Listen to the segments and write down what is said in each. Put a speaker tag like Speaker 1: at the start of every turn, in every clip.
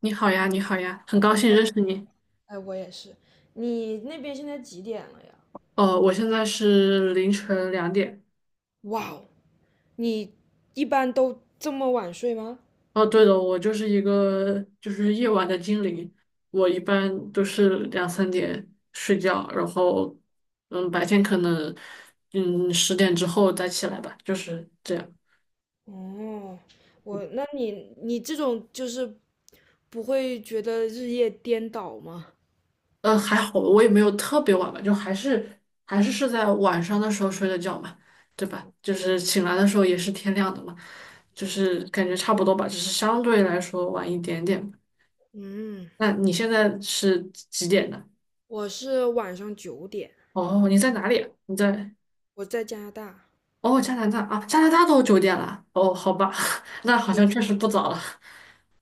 Speaker 1: 你好呀，你好呀，很高兴认识你。
Speaker 2: 哎，我也是。你那边现在几点了呀？
Speaker 1: 哦，我现在是凌晨两点。
Speaker 2: 哇哦，你一般都这么晚睡吗？
Speaker 1: 哦，对了，我就是一个夜晚的精灵，我一般都是两三点睡觉，然后白天可能10点之后再起来吧，就是这样。
Speaker 2: 哦，那你这种就是不会觉得日夜颠倒吗？
Speaker 1: 嗯，还好，我也没有特别晚吧，就还是在晚上的时候睡的觉嘛，对吧？就是醒来的时候也是天亮的嘛，就是感觉差不多吧，只是相对来说晚一点点。
Speaker 2: 嗯，
Speaker 1: 那你现在是几点的？
Speaker 2: 我是晚上9点，
Speaker 1: 哦，你在哪里啊你在
Speaker 2: 我在加拿大。
Speaker 1: 哦加拿大啊？加拿大都9点了。哦，好吧，那好
Speaker 2: 对，
Speaker 1: 像确实不早了。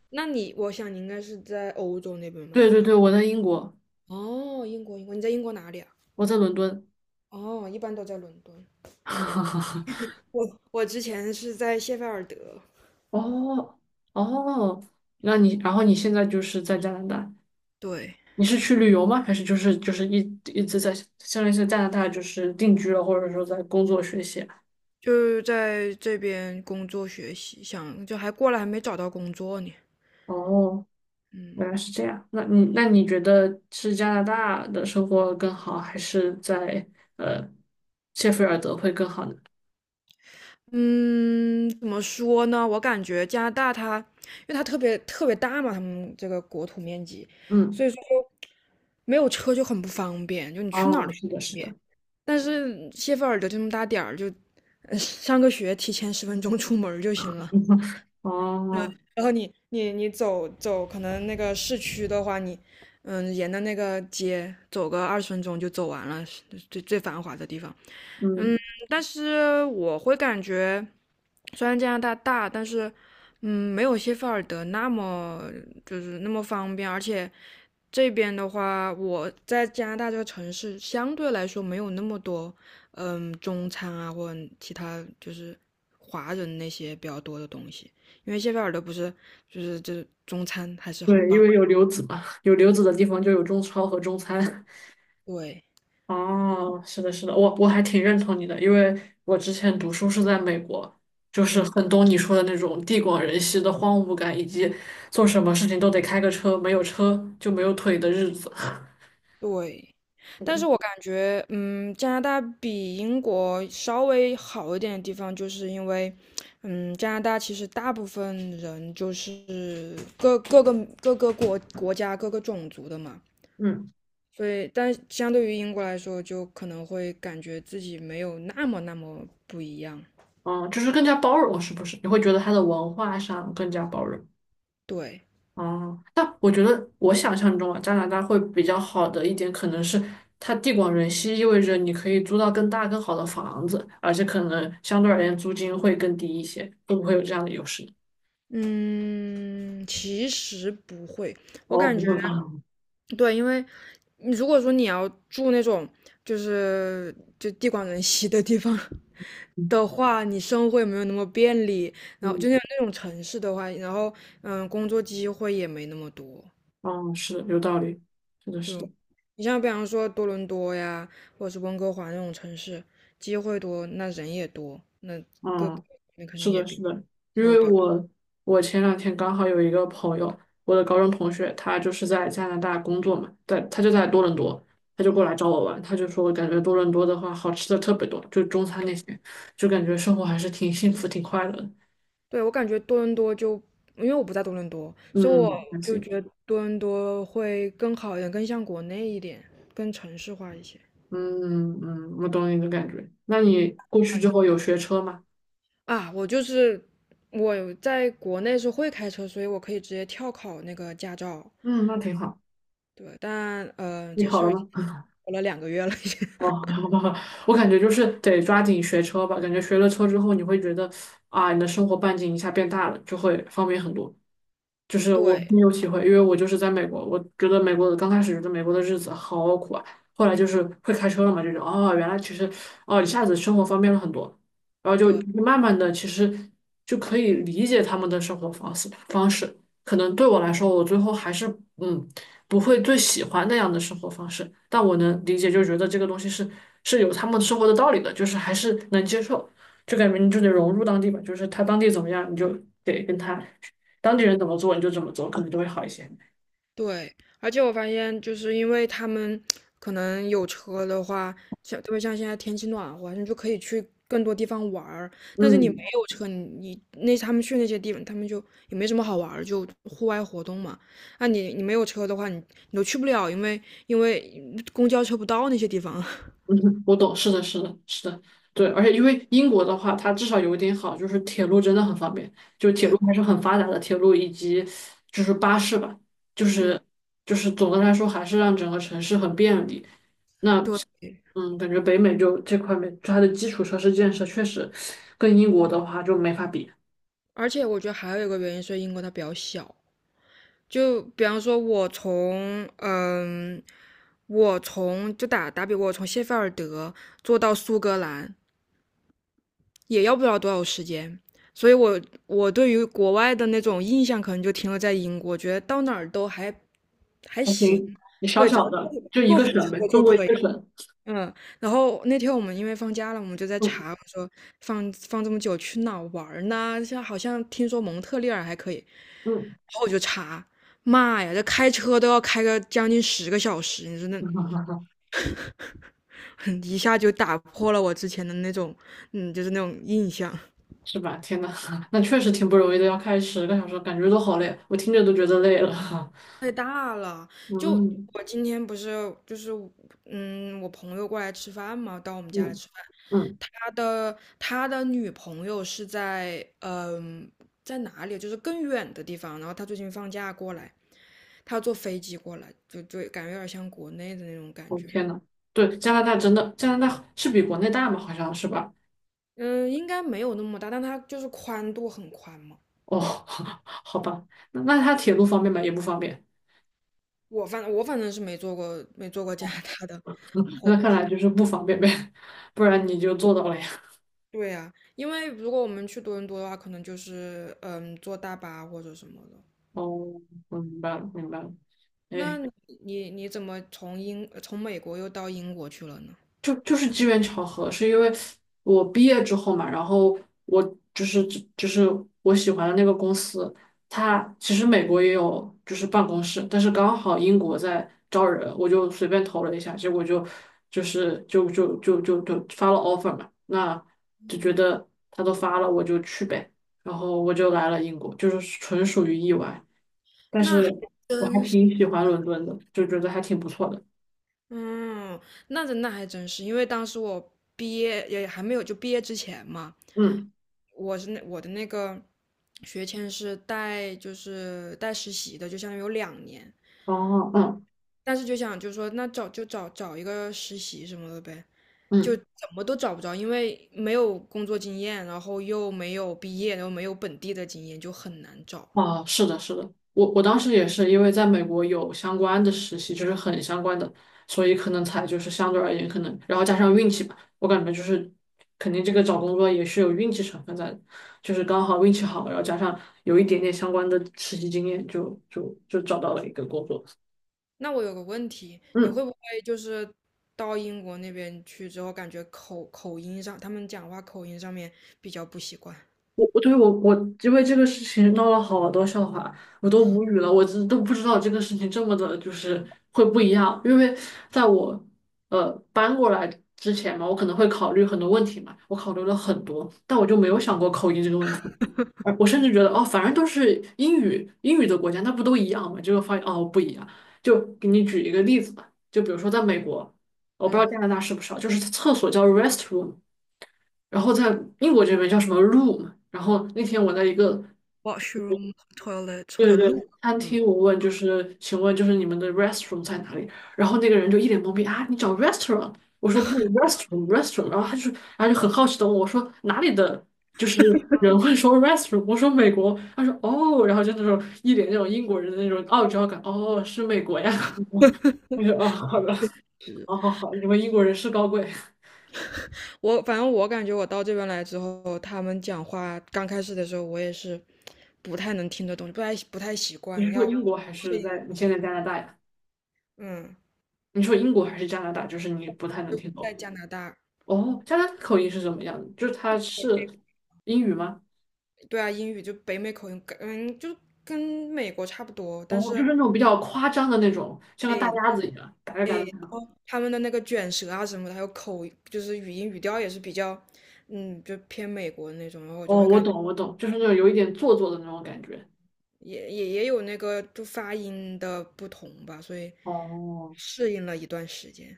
Speaker 2: 那你，我想你应该是在欧洲那边吧？
Speaker 1: 对
Speaker 2: 应
Speaker 1: 对
Speaker 2: 该。
Speaker 1: 对，我在英国，
Speaker 2: 哦，英国，英国，你在英国哪里啊？
Speaker 1: 我在伦敦。
Speaker 2: 哦，一般都在伦敦。我之前是在谢菲尔德。
Speaker 1: 哦哦，那你然后你现在就是在加拿大，
Speaker 2: 对。
Speaker 1: 你是去旅游吗？还是就是就是一一直在相当于是加拿大就是定居了，或者说在工作学习啊
Speaker 2: 就是在这边工作学习，想就还过来还没找到工作呢。
Speaker 1: 哦。
Speaker 2: 嗯
Speaker 1: 原来是这样。那你觉得是加拿大的生活更好，还是在呃谢菲尔德会更好呢？
Speaker 2: 嗯，怎么说呢？我感觉加拿大它，因为它特别特别大嘛，他们这个国土面积，
Speaker 1: 嗯，
Speaker 2: 所以说就没有车就很不方便，就你去哪儿
Speaker 1: 哦，
Speaker 2: 都不
Speaker 1: 是的，
Speaker 2: 方
Speaker 1: 是
Speaker 2: 便。
Speaker 1: 的，
Speaker 2: 但是谢菲尔德这么大点儿，就上个学提前十分钟出门儿就行了。
Speaker 1: 哦，
Speaker 2: 然后你走走，可能那个市区的话，你嗯沿着那个街走个20分钟就走完了，是最最繁华的地方。
Speaker 1: 嗯，
Speaker 2: 嗯，但是我会感觉，虽然加拿大大，但是嗯没有谢菲尔德那么就是那么方便，而且这边的话，我在加拿大这个城市相对来说没有那么多，嗯，中餐啊或者其他就是华人那些比较多的东西，因为谢菲尔德不是就是这中餐还是很
Speaker 1: 对，因
Speaker 2: 棒。
Speaker 1: 为有留子嘛，有留子的地方就有中超和中餐。
Speaker 2: 对，
Speaker 1: 哦，是的，是的，我还挺认同你的，因为我之前读书是在美国，就是
Speaker 2: 嗯，
Speaker 1: 很懂你说的那种地广人稀的荒芜感，以及做什么事情都得开个车，没有车就没有腿的日子。
Speaker 2: 对。但是我 感觉，嗯，加拿大比英国稍微好一点的地方，就是因为，嗯，加拿大其实大部分人就是各个各个国家各个种族的嘛，
Speaker 1: 嗯。
Speaker 2: 所以，但相对于英国来说，就可能会感觉自己没有那么那么不一样。
Speaker 1: 嗯，就是更加包容，是不是？你会觉得它的文化上更加包容。
Speaker 2: 对，
Speaker 1: 哦、但我觉得我想象中啊，加拿大会比较好的一点，可能是它地广人稀，意味着你可以租到更大更好的房子，而且可能相对而言租金会更低一些，会不会有这样的优势？
Speaker 2: 嗯，其实不会，我
Speaker 1: 哦，
Speaker 2: 感
Speaker 1: 不
Speaker 2: 觉
Speaker 1: 会啊，
Speaker 2: 对，因为你如果说你要住那种就地广人稀的地方
Speaker 1: 嗯
Speaker 2: 的话，你生活也没有那么便利，然后
Speaker 1: 嗯，
Speaker 2: 就像那种城市的话，然后嗯，工作机会也没那么多。
Speaker 1: 哦，是的，有道理，是的，是的。
Speaker 2: 你像比方说多伦多呀，或者是温哥华那种城市，机会多，那人也多，那各
Speaker 1: 嗯，
Speaker 2: 个那肯定
Speaker 1: 是
Speaker 2: 也
Speaker 1: 的，是
Speaker 2: 比
Speaker 1: 的，因
Speaker 2: 稍微
Speaker 1: 为
Speaker 2: 比较
Speaker 1: 我前两天刚好有一个朋友，我的高中同学，他就是在加拿大工作嘛，他就在多伦多，他就过
Speaker 2: 嗯
Speaker 1: 来找我玩，他就说感觉多伦多的话好吃的特别多，就中餐那些，就感觉
Speaker 2: 嗯，
Speaker 1: 生活还是挺幸福、挺快乐的。
Speaker 2: 对我感觉多伦多就因为我不在多伦多，所以我
Speaker 1: 嗯，还
Speaker 2: 就
Speaker 1: 行，
Speaker 2: 觉得多伦多会更好一点，更像国内一点，更城市化一些。
Speaker 1: 嗯嗯，我懂你的感觉。那
Speaker 2: 嗯，
Speaker 1: 你过去之
Speaker 2: 嗯
Speaker 1: 后有学车吗？
Speaker 2: 啊，我就是我在国内是会开车，所以我可以直接跳考那个驾照。
Speaker 1: 嗯，那挺好。
Speaker 2: 对，但
Speaker 1: 你
Speaker 2: 这
Speaker 1: 考
Speaker 2: 事儿
Speaker 1: 了
Speaker 2: 已经
Speaker 1: 吗？
Speaker 2: 过了2个月了，已经。
Speaker 1: 哦，我感觉就是得抓紧学车吧，感觉学了车之后，你会觉得啊，你的生活半径一下变大了，就会方便很多。就是我深
Speaker 2: 对，
Speaker 1: 有体会，因为我就是在美国，我觉得美国的刚开始觉得美国的日子好苦啊，后来就是会开车了嘛，这种得哦，原来其实哦，一下子生活方便了很多，然后就慢慢的其实就可以理解他们的生活方式。可能对我来说，我最后还是嗯不会最喜欢那样的生活方式，但我能理解，就觉得这个东西是有他们生活的道理的，就是还是能接受，就感觉你就得融入当地吧，就是他当地怎么样，你就得跟他。当地人怎么做你就怎么做，可能就会好一些。
Speaker 2: 对，而且我发现，就是因为他们可能有车的话，像特别像现在天气暖和，你就可以去更多地方玩儿。但是你没
Speaker 1: 嗯
Speaker 2: 有车，你你那他们去那些地方，他们就也没什么好玩儿，就户外活动嘛。那你你没有车的话，你你都去不了，因为公交车不到那些地方。
Speaker 1: 嗯 我懂，是的，是的，是的，对，而且因为英国的话，它至少有一点好，就是铁路真的很方便，就铁路
Speaker 2: 对，
Speaker 1: 还是很发达的，铁路以及就是巴士吧，就
Speaker 2: 嗯，
Speaker 1: 是就是总的来说还是让整个城市很便利。那
Speaker 2: 对。
Speaker 1: 嗯，感觉北美就这块面，就它的基础设施建设确实跟英国的话就没法比，
Speaker 2: 而且我觉得还有一个原因是英国它比较小，就比方说我，从嗯，我从就打比，我从谢菲尔德坐到苏格兰也要不了多少时间，所以我我对于国外的那种印象可能就停留在英国，觉得到哪儿都还还
Speaker 1: 还
Speaker 2: 行，
Speaker 1: 行，你小
Speaker 2: 对，只要
Speaker 1: 小的
Speaker 2: 坐
Speaker 1: 就一
Speaker 2: 坐
Speaker 1: 个
Speaker 2: 火
Speaker 1: 省呗，
Speaker 2: 车
Speaker 1: 中
Speaker 2: 就
Speaker 1: 国一
Speaker 2: 可以。
Speaker 1: 个省，
Speaker 2: 嗯，然后那天我们因为放假了，我们就在
Speaker 1: 嗯。
Speaker 2: 查，我说放这么久去哪儿玩儿呢？像好像听说蒙特利尔还可以，
Speaker 1: 嗯，
Speaker 2: 然后我就查，妈呀，这开车都要开个将近10个小时，你说那 一下就打破了我之前的那种，嗯，就是那种印象。
Speaker 1: 是吧？天呐，那确实挺不容易的，要开10个小时，感觉都好累，我听着都觉得累了。
Speaker 2: 太大了。就
Speaker 1: 嗯
Speaker 2: 我今天不是就是嗯，我朋友过来吃饭嘛，到我们家来
Speaker 1: 嗯
Speaker 2: 吃饭。
Speaker 1: 嗯，
Speaker 2: 他的女朋友是在嗯、在哪里？就是更远的地方。然后他最近放假过来，他要坐飞机过来，就就感觉有点像国内的那种感
Speaker 1: 我、
Speaker 2: 觉。
Speaker 1: 天呐，对，加拿大真的，加拿大是比国内大吗？好像是吧？
Speaker 2: 嗯，应该没有那么大，但他就是宽度很宽嘛。
Speaker 1: 哦，好吧，那那它铁路方便吗？也不方便，
Speaker 2: 我反正是没坐过加拿大的。
Speaker 1: 那看来就是不方便呗，不然你就做到了呀。
Speaker 2: 对呀，因为如果我们去多伦多的话，可能就是嗯坐大巴或者什么的。
Speaker 1: 哦，我明白了，明白了。
Speaker 2: 那
Speaker 1: 哎，
Speaker 2: 你怎么从从美国又到英国去了呢？
Speaker 1: 就就是机缘巧合，是因为我毕业之后嘛，然后我就是就是我喜欢的那个公司，它其实美国也有就是办公室，但是刚好英国在招人，我就随便投了一下，结果就发了 offer 嘛，那就觉得他都发了，我就去呗，然后我就来了英国，就是纯属于意外，但是
Speaker 2: 那还
Speaker 1: 我还
Speaker 2: 真是，
Speaker 1: 挺喜欢伦敦的，就觉得还挺不错的，
Speaker 2: 嗯，那还真是，因为当时我毕业也还没有就毕业之前嘛，
Speaker 1: 嗯，
Speaker 2: 我是那我的那个学签是带就是带实习的，就相当于有2年，
Speaker 1: 哦，嗯
Speaker 2: 但是就想就说那找就找一个实习什么的呗。就
Speaker 1: 嗯。
Speaker 2: 怎么都找不着，因为没有工作经验，然后又没有毕业，然后没有本地的经验，就很难找。
Speaker 1: 啊，是的，是的，我当时也是因为在美国有相关的实习，就是很相关的，所以可能才就是相对而言可能，然后加上运气吧，我感觉就是肯定这个找工作也是有运气成分在的，就是刚好运气好，然后加上有一点点相关的实习经验就，就找到了一个工作。
Speaker 2: 那我有个问题，你会
Speaker 1: 嗯，
Speaker 2: 不会就是到英国那边去之后，感觉口音上，他们讲话口音上面比较不习惯？
Speaker 1: 我对我因为这个事情闹了好多笑话，我都无语了，我真都不知道这个事情这么的，就是会不一样。因为在我搬过来之前嘛，我可能会考虑很多问题嘛，我考虑了很多，但我就没有想过口音这个问题。而我甚至觉得哦，反正都是英语的国家，那不都一样吗？结果发现哦不一样。就给你举一个例子吧，就比如说在美国，我不知
Speaker 2: 嗯，
Speaker 1: 道加拿大是不是啊，就是厕所叫 restroom。然后在英国这边叫什么 room，然后那天我在一个
Speaker 2: 或
Speaker 1: 对
Speaker 2: 者
Speaker 1: 对
Speaker 2: 路，
Speaker 1: 对餐厅，我问就是请问就是你们的 r e s t a u r a n t 在哪里？然后那个人就一脸懵逼啊，你找 restaurant？我说不 r e s t a u r a n t r e s t a u r a n t 然后然后就很好奇的问我说哪里的就是人会说 r e s t a u r a n t 我说美国，他说哦，然后就那种一脸那种英国人的那种傲娇感，哦是美国呀，我说哦好的，好好好，你们英国人是高贵，
Speaker 2: 我反正我感觉我到这边来之后，他们讲话刚开始的时候，我也是不太能听得懂，不太习
Speaker 1: 你
Speaker 2: 惯，
Speaker 1: 是说
Speaker 2: 要
Speaker 1: 英国还
Speaker 2: 适
Speaker 1: 是
Speaker 2: 应。
Speaker 1: 在你现在加拿大呀？
Speaker 2: 嗯，
Speaker 1: 你说英国还是加拿大？就是你不太能
Speaker 2: 就
Speaker 1: 听懂。
Speaker 2: 在加拿大。
Speaker 1: 哦，加拿大口音是什么样的？就是它是英语吗？
Speaker 2: 对啊，英语就北美口音，嗯，就跟美国差不多，但
Speaker 1: 哦，就
Speaker 2: 是
Speaker 1: 是那种比较夸张的那种，像个大
Speaker 2: 诶
Speaker 1: 鸭子一样，嘎嘎嘎
Speaker 2: 诶，
Speaker 1: 的
Speaker 2: 然
Speaker 1: 那种。
Speaker 2: 后他们的那个卷舌啊什么的，还有口，就是语音语调也是比较，嗯，就偏美国那种，然后我就
Speaker 1: 哦，
Speaker 2: 会
Speaker 1: 我
Speaker 2: 感
Speaker 1: 懂，我懂，就是那种有一点做作的那种感觉。
Speaker 2: 也有那个就发音的不同吧，所以
Speaker 1: 哦，
Speaker 2: 适应了一段时间。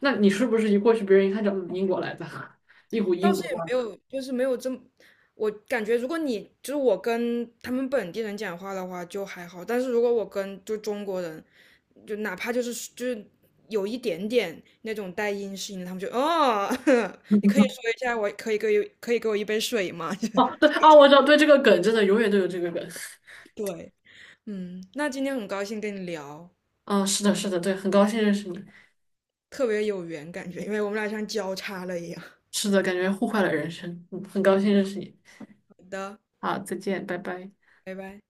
Speaker 1: 那你是不是一过去，别人一看就英国来的，一股
Speaker 2: 倒
Speaker 1: 英
Speaker 2: 是
Speaker 1: 国
Speaker 2: 也
Speaker 1: 味
Speaker 2: 没
Speaker 1: 儿？
Speaker 2: 有，就是没有这么，我感觉如果你就是我跟他们本地人讲话的话就还好，但是如果我跟就中国人，就哪怕就是有一点点那种带阴湿音的，他们就哦，你可以说一下，我可以给可以给我一杯水吗？
Speaker 1: 哦，对啊，我知道，对这个梗真的永远都有这个梗。
Speaker 2: 对，嗯，那今天很高兴跟你聊，
Speaker 1: 嗯，是的，是的，对，很高兴认识你。
Speaker 2: 特别有缘感觉，因为我们俩像交叉了一样。好
Speaker 1: 是的，感觉互换了人生。嗯，很高兴认识你。
Speaker 2: 的，
Speaker 1: 好，再见，拜拜。
Speaker 2: 拜拜。